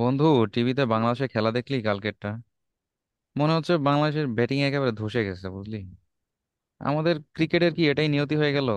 বন্ধু, টিভিতে বাংলাদেশের খেলা দেখলি কালকেরটা? মনে হচ্ছে বাংলাদেশের ব্যাটিং একেবারে ধসে গেছে, বুঝলি। আমাদের ক্রিকেটের কি এটাই নিয়তি হয়ে গেল?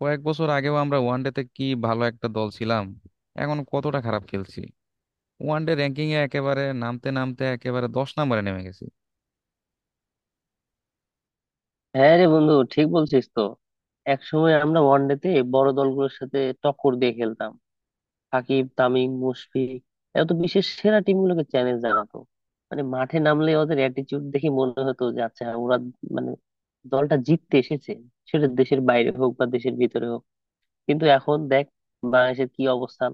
কয়েক বছর আগেও আমরা ওয়ানডেতে কি ভালো একটা দল ছিলাম, এখন কতটা খারাপ খেলছি। ওয়ানডে র্যাঙ্কিং এ একেবারে নামতে নামতে একেবারে 10 নম্বরে নেমে গেছি। হ্যাঁ রে বন্ধু, ঠিক বলছিস তো। এক সময় আমরা ওয়ানডেতে বড় দলগুলোর সাথে টক্কর দিয়ে খেলতাম। সাকিব, তামিম, মুশফিক, এরা তো বিশ্বের সেরা টিমগুলোকে চ্যালেঞ্জ জানাতো। মানে মাঠে নামলে ওদের অ্যাটিটিউড দেখে মনে হতো যে আচ্ছা হ্যাঁ, ওরা মানে দলটা জিততে এসেছে, সেটা দেশের বাইরে হোক বা দেশের ভিতরে হোক। কিন্তু এখন দেখ বাংলাদেশের কি অবস্থান।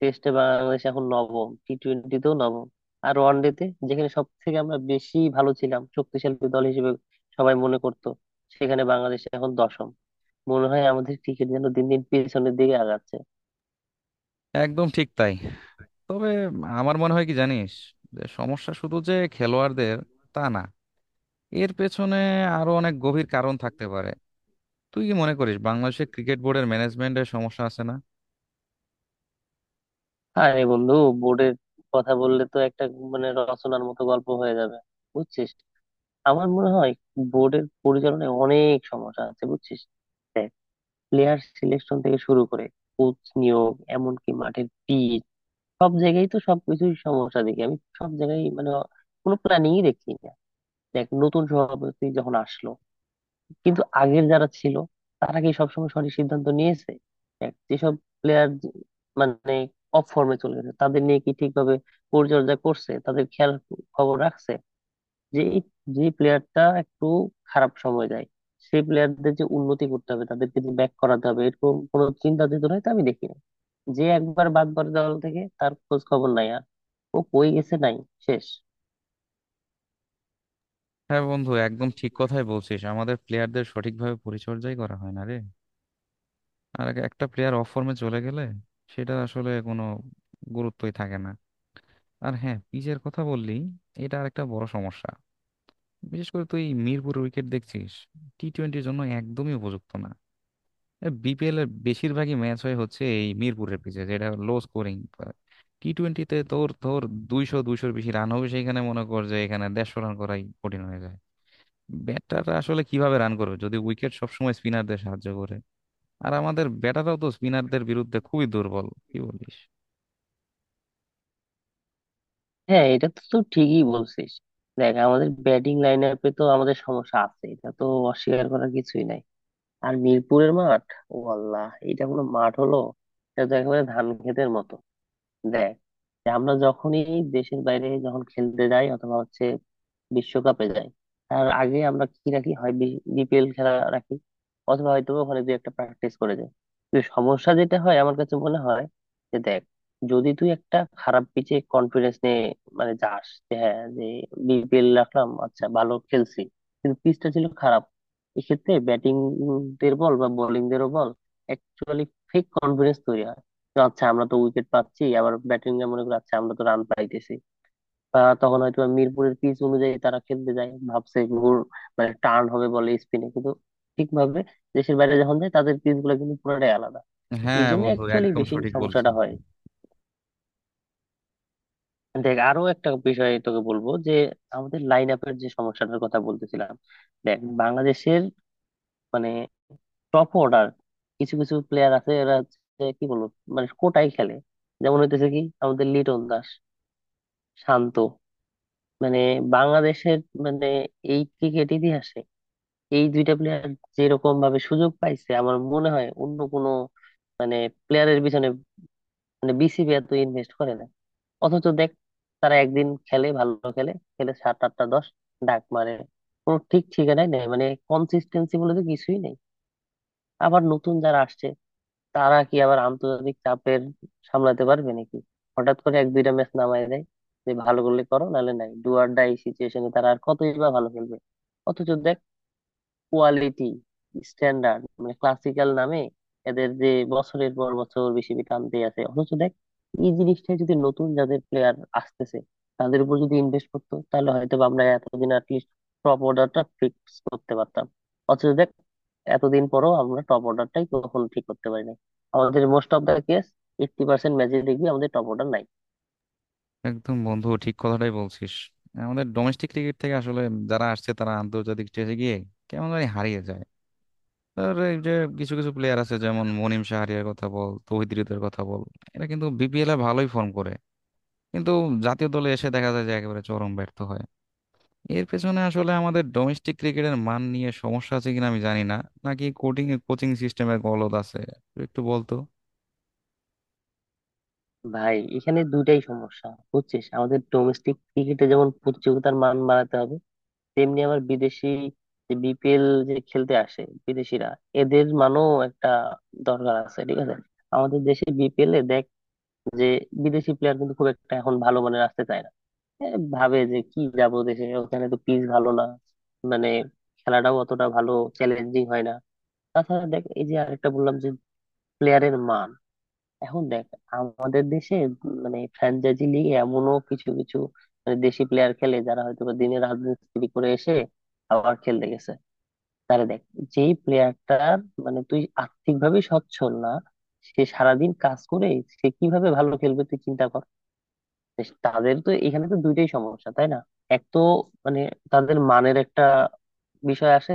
টেস্টে বাংলাদেশ এখন নবম, টি টোয়েন্টিতেও নবম, আর ওয়ানডেতে যেখানে সব থেকে আমরা বেশি ভালো ছিলাম, শক্তিশালী দল হিসেবে সবাই মনে করতো, সেখানে বাংলাদেশ এখন দশম। মনে হয় আমাদের ক্রিকেট যেন দিন দিন পেছনের দিকে আগাচ্ছে। একদম ঠিক তাই। তবে আমার মনে হয় কি জানিস, যে সমস্যা শুধু যে খেলোয়াড়দের তা না, এর পেছনে আরো অনেক গভীর কারণ থাকতে পারে। তুই কি মনে করিস বাংলাদেশের ক্রিকেট বোর্ডের ম্যানেজমেন্টের সমস্যা আছে না? আরে বন্ধু, বোর্ডের কথা বললে তো একটা মানে রচনার মতো গল্প হয়ে যাবে, বুঝছিস। আমার মনে হয় বোর্ডের পরিচালনায় অনেক সমস্যা আছে, বুঝছিস। দেখ, প্লেয়ার সিলেকশন থেকে শুরু করে কোচ নিয়োগ, এমনকি মাঠের পিচ, সব জায়গায় তো সবকিছুই সমস্যা দেখি আমি, সব জায়গায়। মানে কোনো প্ল্যানিংই দেখি না। দেখ, নতুন সভাপতি যখন আসলো, কিন্তু আগের যারা ছিল তারা কি সবসময় সঠিক সিদ্ধান্ত নিয়েছে? দেখ, যেসব প্লেয়ার মানে অফ ফর্মে চলে গেছে তাদের নিয়ে কি ঠিকভাবে পরিচর্যা করছে, তাদের খেয়াল খবর রাখছে, যে যে প্লেয়ারটা একটু খারাপ সময় যায়, সেই প্লেয়ারদের যে উন্নতি করতে হবে, তাদেরকে যে ব্যাক করাতে হবে, এরকম কোনো চিন্তা চেতনা তো আমি দেখি না। যে একবার বাদ পড়ে দল থেকে, তার খোঁজ খবর নাই আর। ও কই গেছে, নাই, শেষ। হ্যাঁ বন্ধু, একদম ঠিক কথাই বলছিস, আমাদের প্লেয়ারদের সঠিকভাবে পরিচর্যাই করা হয় না রে। আর একটা প্লেয়ার অফ ফর্মে চলে গেলে সেটা আসলে কোনো গুরুত্বই থাকে না। আর হ্যাঁ, পিচের কথা বললি, এটা আর একটা বড় সমস্যা। বিশেষ করে তুই মিরপুর উইকেট দেখছিস, টি টোয়েন্টির জন্য একদমই উপযুক্ত না। বিপিএল এর বেশিরভাগই ম্যাচ হচ্ছে এই মিরপুরের পিচে, যেটা লো স্কোরিং। টি টোয়েন্টিতে তোর তোর 200 200-র বেশি রান হবে, সেইখানে মনে কর যে এখানে 150 রান করাই কঠিন হয়ে যায়। ব্যাটাররা আসলে কিভাবে রান করবে যদি উইকেট সবসময় স্পিনারদের সাহায্য করে? আর আমাদের ব্যাটাররাও তো স্পিনারদের বিরুদ্ধে খুবই দুর্বল, কি বলিস? হ্যাঁ, এটা তো তুই ঠিকই বলছিস। দেখ, আমাদের ব্যাটিং লাইন আপে তো আমাদের সমস্যা আছে, এটা তো অস্বীকার করার কিছুই নাই। আর মিরপুরের মাঠ, ও আল্লাহ, এটা কোনো মাঠ হলো? এটা তো একেবারে ধান ক্ষেতের মতো দেয়। যে আমরা যখনই দেশের বাইরে যখন খেলতে যাই অথবা হচ্ছে বিশ্বকাপে যায়, তার আগে আমরা কি রাখি হয়, বিপিএল খেলা রাখি, অথবা হয়তো ওখানে দুই একটা প্র্যাকটিস করে যায়। কিন্তু সমস্যা যেটা হয় আমার কাছে মনে হয় যে দেখ, যদি তুই একটা খারাপ পিচে কনফিডেন্স নিয়ে মানে যাস যে হ্যাঁ যে বিপিএল রাখলাম, আচ্ছা ভালো খেলছি, কিন্তু পিচটা ছিল খারাপ, এক্ষেত্রে ব্যাটিং দের বল বা বোলিং দেরও বল, অ্যাকচুয়ালি ফেক কনফিডেন্স তৈরি হয় যে আচ্ছা আমরা তো উইকেট পাচ্ছি, আবার ব্যাটিং এ মনে করি আচ্ছা আমরা তো রান পাইতেছি। তখন হয়তো মিরপুরের পিচ অনুযায়ী তারা খেলতে যায় ভাবছে ঘুর মানে টার্ন হবে বলে স্পিনে, কিন্তু ঠিকভাবে দেশের বাইরে যখন যায় তাদের পিচ গুলো কিন্তু পুরোটাই আলাদা। এই হ্যাঁ জন্য বন্ধু, অ্যাকচুয়ালি একদম বেশি সঠিক সমস্যাটা বলছিস। হয়। দেখ, আরো একটা বিষয় তোকে বলবো যে আমাদের লাইন আপের যে সমস্যাটার কথা বলতেছিলাম, দেখ বাংলাদেশের মানে টপ অর্ডার, কিছু কিছু প্লেয়ার আছে এরা হচ্ছে কি বলবো, মানে কোটায় খেলে। যেমন হইতেছে কি আমাদের লিটন দাস, শান্ত, মানে বাংলাদেশের মানে এই ক্রিকেট ইতিহাসে এই দুইটা প্লেয়ার যেরকম ভাবে সুযোগ পাইছে, আমার মনে হয় অন্য কোনো মানে প্লেয়ারের পিছনে মানে বিসিবি এত ইনভেস্ট করে না। অথচ দেখ, তারা একদিন খেলে ভালো, খেলে খেলে সাত আটটা দশ ডাক মারে, কোনো ঠিক ঠিকানাই নেই, মানে কনসিস্টেন্সি বলে তো কিছুই নেই। আবার নতুন যারা আসছে, তারা কি আবার আন্তর্জাতিক চাপের সামলাতে পারবে নাকি? হঠাৎ করে এক দুইটা ম্যাচ নামায় দেয় যে ভালো করলে করো, নাহলে নাই, ডু অর ডাই সিচুয়েশনে তারা আর কতই বা ভালো খেলবে। অথচ দেখ, কোয়ালিটি স্ট্যান্ডার্ড মানে ক্লাসিক্যাল নামে এদের যে বছরের পর বছর বেশি টানতে আছে, অথচ দেখ এই জিনিসটা যদি নতুন যাদের প্লেয়ার আসতেছে তাদের উপর যদি ইনভেস্ট করতো, তাহলে হয়তো বা আমরা এতদিন অ্যাটলিস্ট টপ অর্ডারটা ফিক্স করতে পারতাম। অথচ দেখ, এতদিন পরও আমরা টপ অর্ডারটাই কখনো ঠিক করতে পারি নাই। আমাদের মোস্ট অফ দা কেস, 80% ম্যাচে দেখবি আমাদের টপ অর্ডার নাই। একদম বন্ধু ঠিক কথাটাই বলছিস। আমাদের ডোমেস্টিক ক্রিকেট থেকে আসলে যারা আসছে তারা আন্তর্জাতিক স্টেজে গিয়ে কেমন জানি হারিয়ে যায়। আর এই যে কিছু কিছু প্লেয়ার আছে, যেমন মনিম শাহরিয়ার কথা বল, তৌহিদ হৃদয়ের কথা বল, এরা কিন্তু বিপিএল এ ভালোই ফর্ম করে, কিন্তু জাতীয় দলে এসে দেখা যায় যে একেবারে চরম ব্যর্থ হয়। এর পেছনে আসলে আমাদের ডোমেস্টিক ক্রিকেটের মান নিয়ে সমস্যা আছে কিনা আমি জানি না, নাকি কোচিং কোচিং সিস্টেমের গলদ আছে, একটু বলতো। ভাই, এখানে দুইটাই সমস্যা, বুঝছিস। আমাদের ডোমেস্টিক ক্রিকেটে যেমন প্রতিযোগিতার মান বাড়াতে হবে, তেমনি আবার বিদেশি, যে বিপিএল যে খেলতে আসে বিদেশিরা, এদের মানও একটা দরকার আছে, ঠিক আছে? আমাদের দেশে বিপিএল এ দেখ, যে বিদেশি প্লেয়ার কিন্তু খুব একটা এখন ভালো মানের আসতে চায় না। এ ভাবে যে কি যাব দেশে, ওখানে তো পিচ ভালো না, মানে খেলাটাও অতটা ভালো চ্যালেঞ্জিং হয় না। তাছাড়া দেখ, এই যে আরেকটা বললাম যে প্লেয়ারের মান, এখন দেখ আমাদের দেশে মানে ফ্র্যাঞ্চাইজি লিগে এমনও কিছু কিছু মানে দেশি প্লেয়ার খেলে যারা হয়তো বা দিনে রাজমিস্ত্রি করে এসে আবার খেলতে গেছে। তারে দেখ, যেই প্লেয়ারটার মানে তুই আর্থিক ভাবে সচ্ছল না, সে সারাদিন কাজ করে, সে কিভাবে ভালো খেলবে তুই চিন্তা কর। তাদের তো এখানে তো দুইটাই সমস্যা, তাই না? এক তো মানে তাদের মানের একটা বিষয় আসে,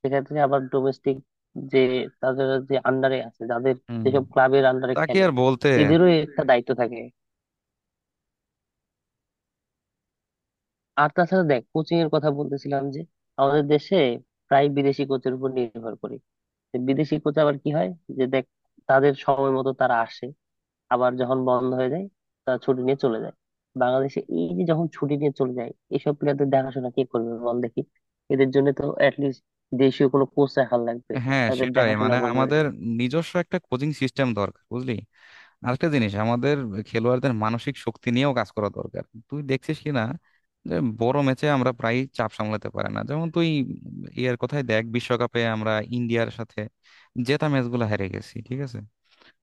সেক্ষেত্রে আবার ডোমেস্টিক যে তাদের যে আন্ডারে আছে, যাদের হুম। যেসব ক্লাবের আন্ডারে তাকে খেলে, আর বলতে। এদেরও একটা দায়িত্ব থাকে। আর তাছাড়া দেখ, কোচিং এর কথা বলতেছিলাম যে আমাদের দেশে প্রায় বিদেশি কোচের উপর নির্ভর করি, যে বিদেশি কোচ আবার কি হয় যে দেখ, তাদের সময় মতো তারা আসে, আবার যখন বন্ধ হয়ে যায়, তারা ছুটি নিয়ে চলে যায়। বাংলাদেশে এই যে যখন ছুটি নিয়ে চলে যায়, এইসব প্লেয়ারদের দেখাশোনা কে করবে বল দেখি? এদের জন্য তো অ্যাটলিস্ট দেশীয় কোনো কোচ রাখার লাগবে, হ্যাঁ, তাদের সেটাই, দেখাশোনা মানে করবে। আমাদের নিজস্ব একটা কোচিং সিস্টেম দরকার, বুঝলি। আরেকটা জিনিস, আমাদের খেলোয়াড়দের মানসিক শক্তি নিয়েও কাজ করা দরকার। তুই দেখছিস কি না যে বড় ম্যাচে আমরা প্রায় চাপ সামলাতে পারে না? যেমন তুই ইয়ার কথাই দেখ, বিশ্বকাপে আমরা ইন্ডিয়ার সাথে জেতা ম্যাচগুলো হেরে গেছি, ঠিক আছে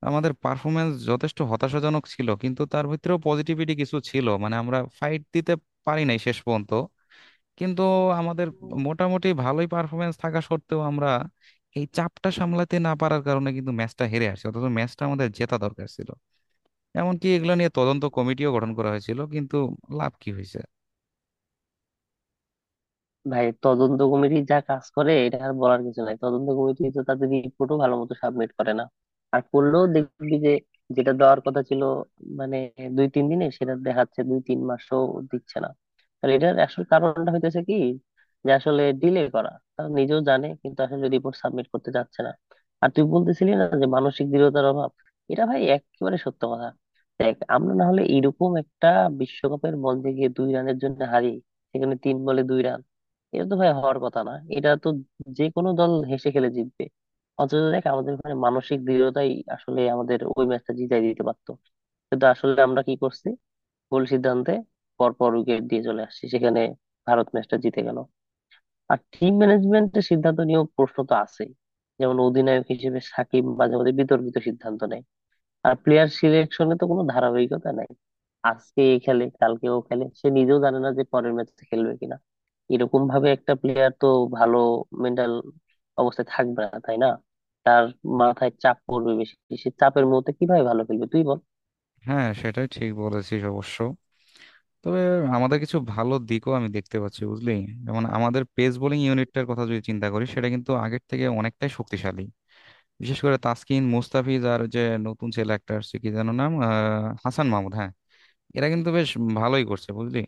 আমাদের পারফরমেন্স যথেষ্ট হতাশাজনক ছিল কিন্তু তার ভিতরেও পজিটিভিটি কিছু ছিল, মানে আমরা ফাইট দিতে পারি নাই শেষ পর্যন্ত। কিন্তু আমাদের মোটামুটি ভালোই পারফরমেন্স থাকা সত্ত্বেও আমরা এই চাপটা সামলাতে না পারার কারণে কিন্তু ম্যাচটা হেরে আসছি, অথচ ম্যাচটা আমাদের জেতা দরকার ছিল। এমনকি এগুলো নিয়ে তদন্ত কমিটিও গঠন করা হয়েছিল, কিন্তু লাভ কি হয়েছে? ভাই, তদন্ত কমিটি যা কাজ করে এটা আর বলার কিছু নাই। তদন্ত কমিটি তো তাদের রিপোর্টও ভালো মতো সাবমিট করে না, আর করলেও দেখবি যে যেটা দেওয়ার কথা ছিল মানে দুই তিন দিনে, সেটা দেখাচ্ছে দুই তিন মাসও দিচ্ছে না। তাহলে এটার আসল কারণটা হইতেছে কি, যে আসলে ডিলে করা তারা নিজেও জানে, কিন্তু আসলে রিপোর্ট সাবমিট করতে চাচ্ছে না। আর তুই বলতেছিলি না যে মানসিক দৃঢ়তার অভাব, এটা ভাই একেবারে সত্য কথা। দেখ, আমরা না হলে এরকম একটা বিশ্বকাপের বল দিয়ে গিয়ে 2 রানের জন্য হারি? সেখানে 3 বলে 2 রান, এটা তো ভাই হওয়ার কথা না, এটা তো যে কোনো দল হেসে খেলে জিতবে। অথচ দেখ আমাদের ওখানে মানসিক দৃঢ়তাই আসলে আমাদের ওই ম্যাচটা জিতাই দিতে পারতো। কিন্তু আসলে আমরা কি করছি, ভুল সিদ্ধান্তে পর পর উইকেট দিয়ে চলে আসছি, সেখানে ভারত ম্যাচটা জিতে গেল। আর টিম ম্যানেজমেন্টের সিদ্ধান্ত নিয়েও প্রশ্ন তো আছেই, যেমন অধিনায়ক হিসেবে সাকিব মাঝে মাঝে বিতর্কিত সিদ্ধান্ত নেয়। আর প্লেয়ার সিলেকশনে তো কোনো ধারাবাহিকতা নাই। আজকে এ খেলে, কালকে ও খেলে, সে নিজেও জানে না যে পরের ম্যাচে খেলবে কিনা। এরকম ভাবে একটা প্লেয়ার তো ভালো মেন্টাল অবস্থায় থাকবে না, তাই না? তার মাথায় চাপ পড়বে বেশি, সে চাপের মুহূর্তে কিভাবে ভালো খেলবে তুই বল। হ্যাঁ, সেটাই ঠিক বলেছিস অবশ্য। তবে আমাদের কিছু ভালো দিকও আমি দেখতে পাচ্ছি, বুঝলি। যেমন আমাদের পেস বোলিং ইউনিটটার কথা যদি চিন্তা করি, সেটা কিন্তু আগের থেকে অনেকটাই শক্তিশালী। বিশেষ করে তাসকিন, মুস্তাফিজ, আর যে নতুন ছেলে একটা আসছে, কি যেন নাম, হাসান মাহমুদ, হ্যাঁ, এরা কিন্তু বেশ ভালোই করছে, বুঝলি।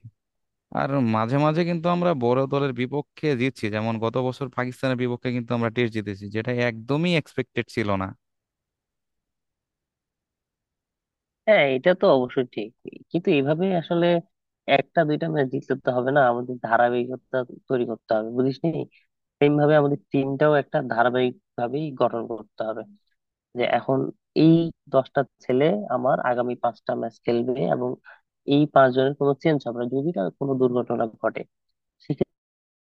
আর মাঝে মাঝে কিন্তু আমরা বড় দলের বিপক্ষে জিতছি, যেমন গত বছর পাকিস্তানের বিপক্ষে কিন্তু আমরা টেস্ট জিতেছি, যেটা একদমই এক্সপেক্টেড ছিল না। হ্যাঁ, এটা তো অবশ্যই ঠিক। কিন্তু এভাবে আসলে একটা দুইটা ম্যাচ জিতলে তো হবে না, আমাদের ধারাবাহিকতা তৈরি করতে হবে, বুঝিস নি। সেম ভাবে আমাদের টিমটাও একটা ধারাবাহিক ভাবেই গঠন করতে হবে, যে এখন এই 10টা ছেলে আমার আগামী 5টা ম্যাচ খেলবে, এবং এই 5 জনের কোনো চেঞ্জ হবে না যদি তার কোনো দুর্ঘটনা ঘটে।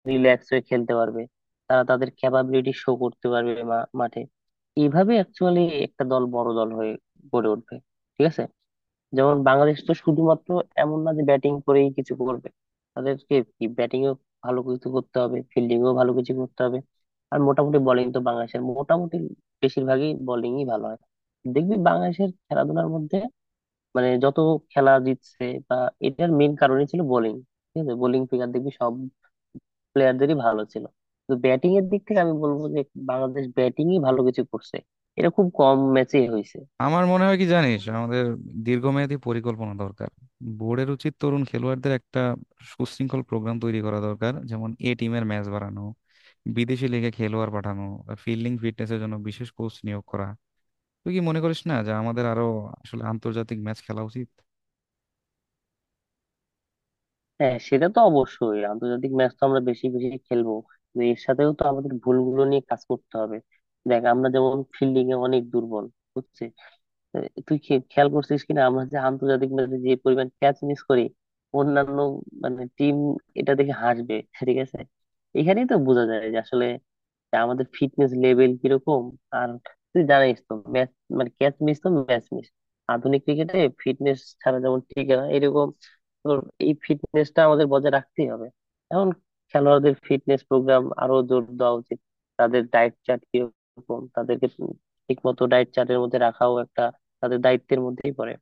রিল্যাক্স হয়ে খেলতে পারবে, তারা তাদের ক্যাপাবিলিটি শো করতে পারবে মাঠে। এইভাবে অ্যাকচুয়ালি একটা দল বড় দল হয়ে গড়ে উঠবে, ঠিক আছে? যেমন বাংলাদেশ তো শুধুমাত্র এমন না যে ব্যাটিং করেই কিছু করবে, তাদেরকে কি ব্যাটিংও ভালো কিছু করতে হবে, ফিল্ডিংও ভালো কিছু করতে হবে। আর মোটামুটি বোলিং তো বাংলাদেশের মোটামুটি বেশিরভাগই বোলিংই ভালো হয়। দেখবি বাংলাদেশের খেলাধুলার মধ্যে মানে যত খেলা জিতছে বা, এটার মেইন কারণই ছিল বোলিং, ঠিক আছে। বোলিং ফিগার দেখবি সব প্লেয়ারদেরই ভালো ছিল। তো ব্যাটিং এর দিক থেকে আমি বলবো যে বাংলাদেশ ব্যাটিংই ভালো কিছু করছে, এটা খুব কম ম্যাচে হয়েছে। আমার মনে হয় কি জানিস, আমাদের দীর্ঘমেয়াদী পরিকল্পনা দরকার। বোর্ডের উচিত তরুণ খেলোয়াড়দের একটা সুশৃঙ্খল প্রোগ্রাম তৈরি করা দরকার, যেমন এ টিমের ম্যাচ বাড়ানো, বিদেশি লিগে খেলোয়াড় পাঠানো, ফিল্ডিং ফিটনেসের জন্য বিশেষ কোচ নিয়োগ করা। তুই কি মনে করিস না যে আমাদের আরো আসলে আন্তর্জাতিক ম্যাচ খেলা উচিত? হ্যাঁ, সেটা তো অবশ্যই, আন্তর্জাতিক ম্যাচ তো আমরা বেশি বেশি খেলবো, কিন্তু এর সাথেও তো আমাদের ভুলগুলো নিয়ে কাজ করতে হবে। দেখ, আমরা যেমন ফিল্ডিং এ অনেক দুর্বল, বুঝছিস। এ, তুই খেয়াল করছিস কিনা আমরা যে আন্তর্জাতিক ম্যাচে যে পরিমাণ ক্যাচ মিস করি, অন্যান্য মানে টিম এটা দেখে হাসবে, ঠিক আছে। এখানেই তো বোঝা যায় যে আসলে যে আমাদের ফিটনেস লেভেল কিরকম। আর তুই জানিস তো ম্যাচ মানে ক্যাচ মিস তো ম্যাচ মিস, আধুনিক ক্রিকেটে ফিটনেস ছাড়া যেমন ঠিক না, এরকম তোর এই ফিটনেসটা আমাদের বজায় রাখতেই হবে। এখন খেলোয়াড়দের ফিটনেস প্রোগ্রাম আরো জোর দেওয়া উচিত। তাদের ডায়েট চার্ট কিরকম, তাদেরকে ঠিক মতো ডায়েট চার্টের মধ্যে রাখাও একটা তাদের দায়িত্বের মধ্যেই পড়ে।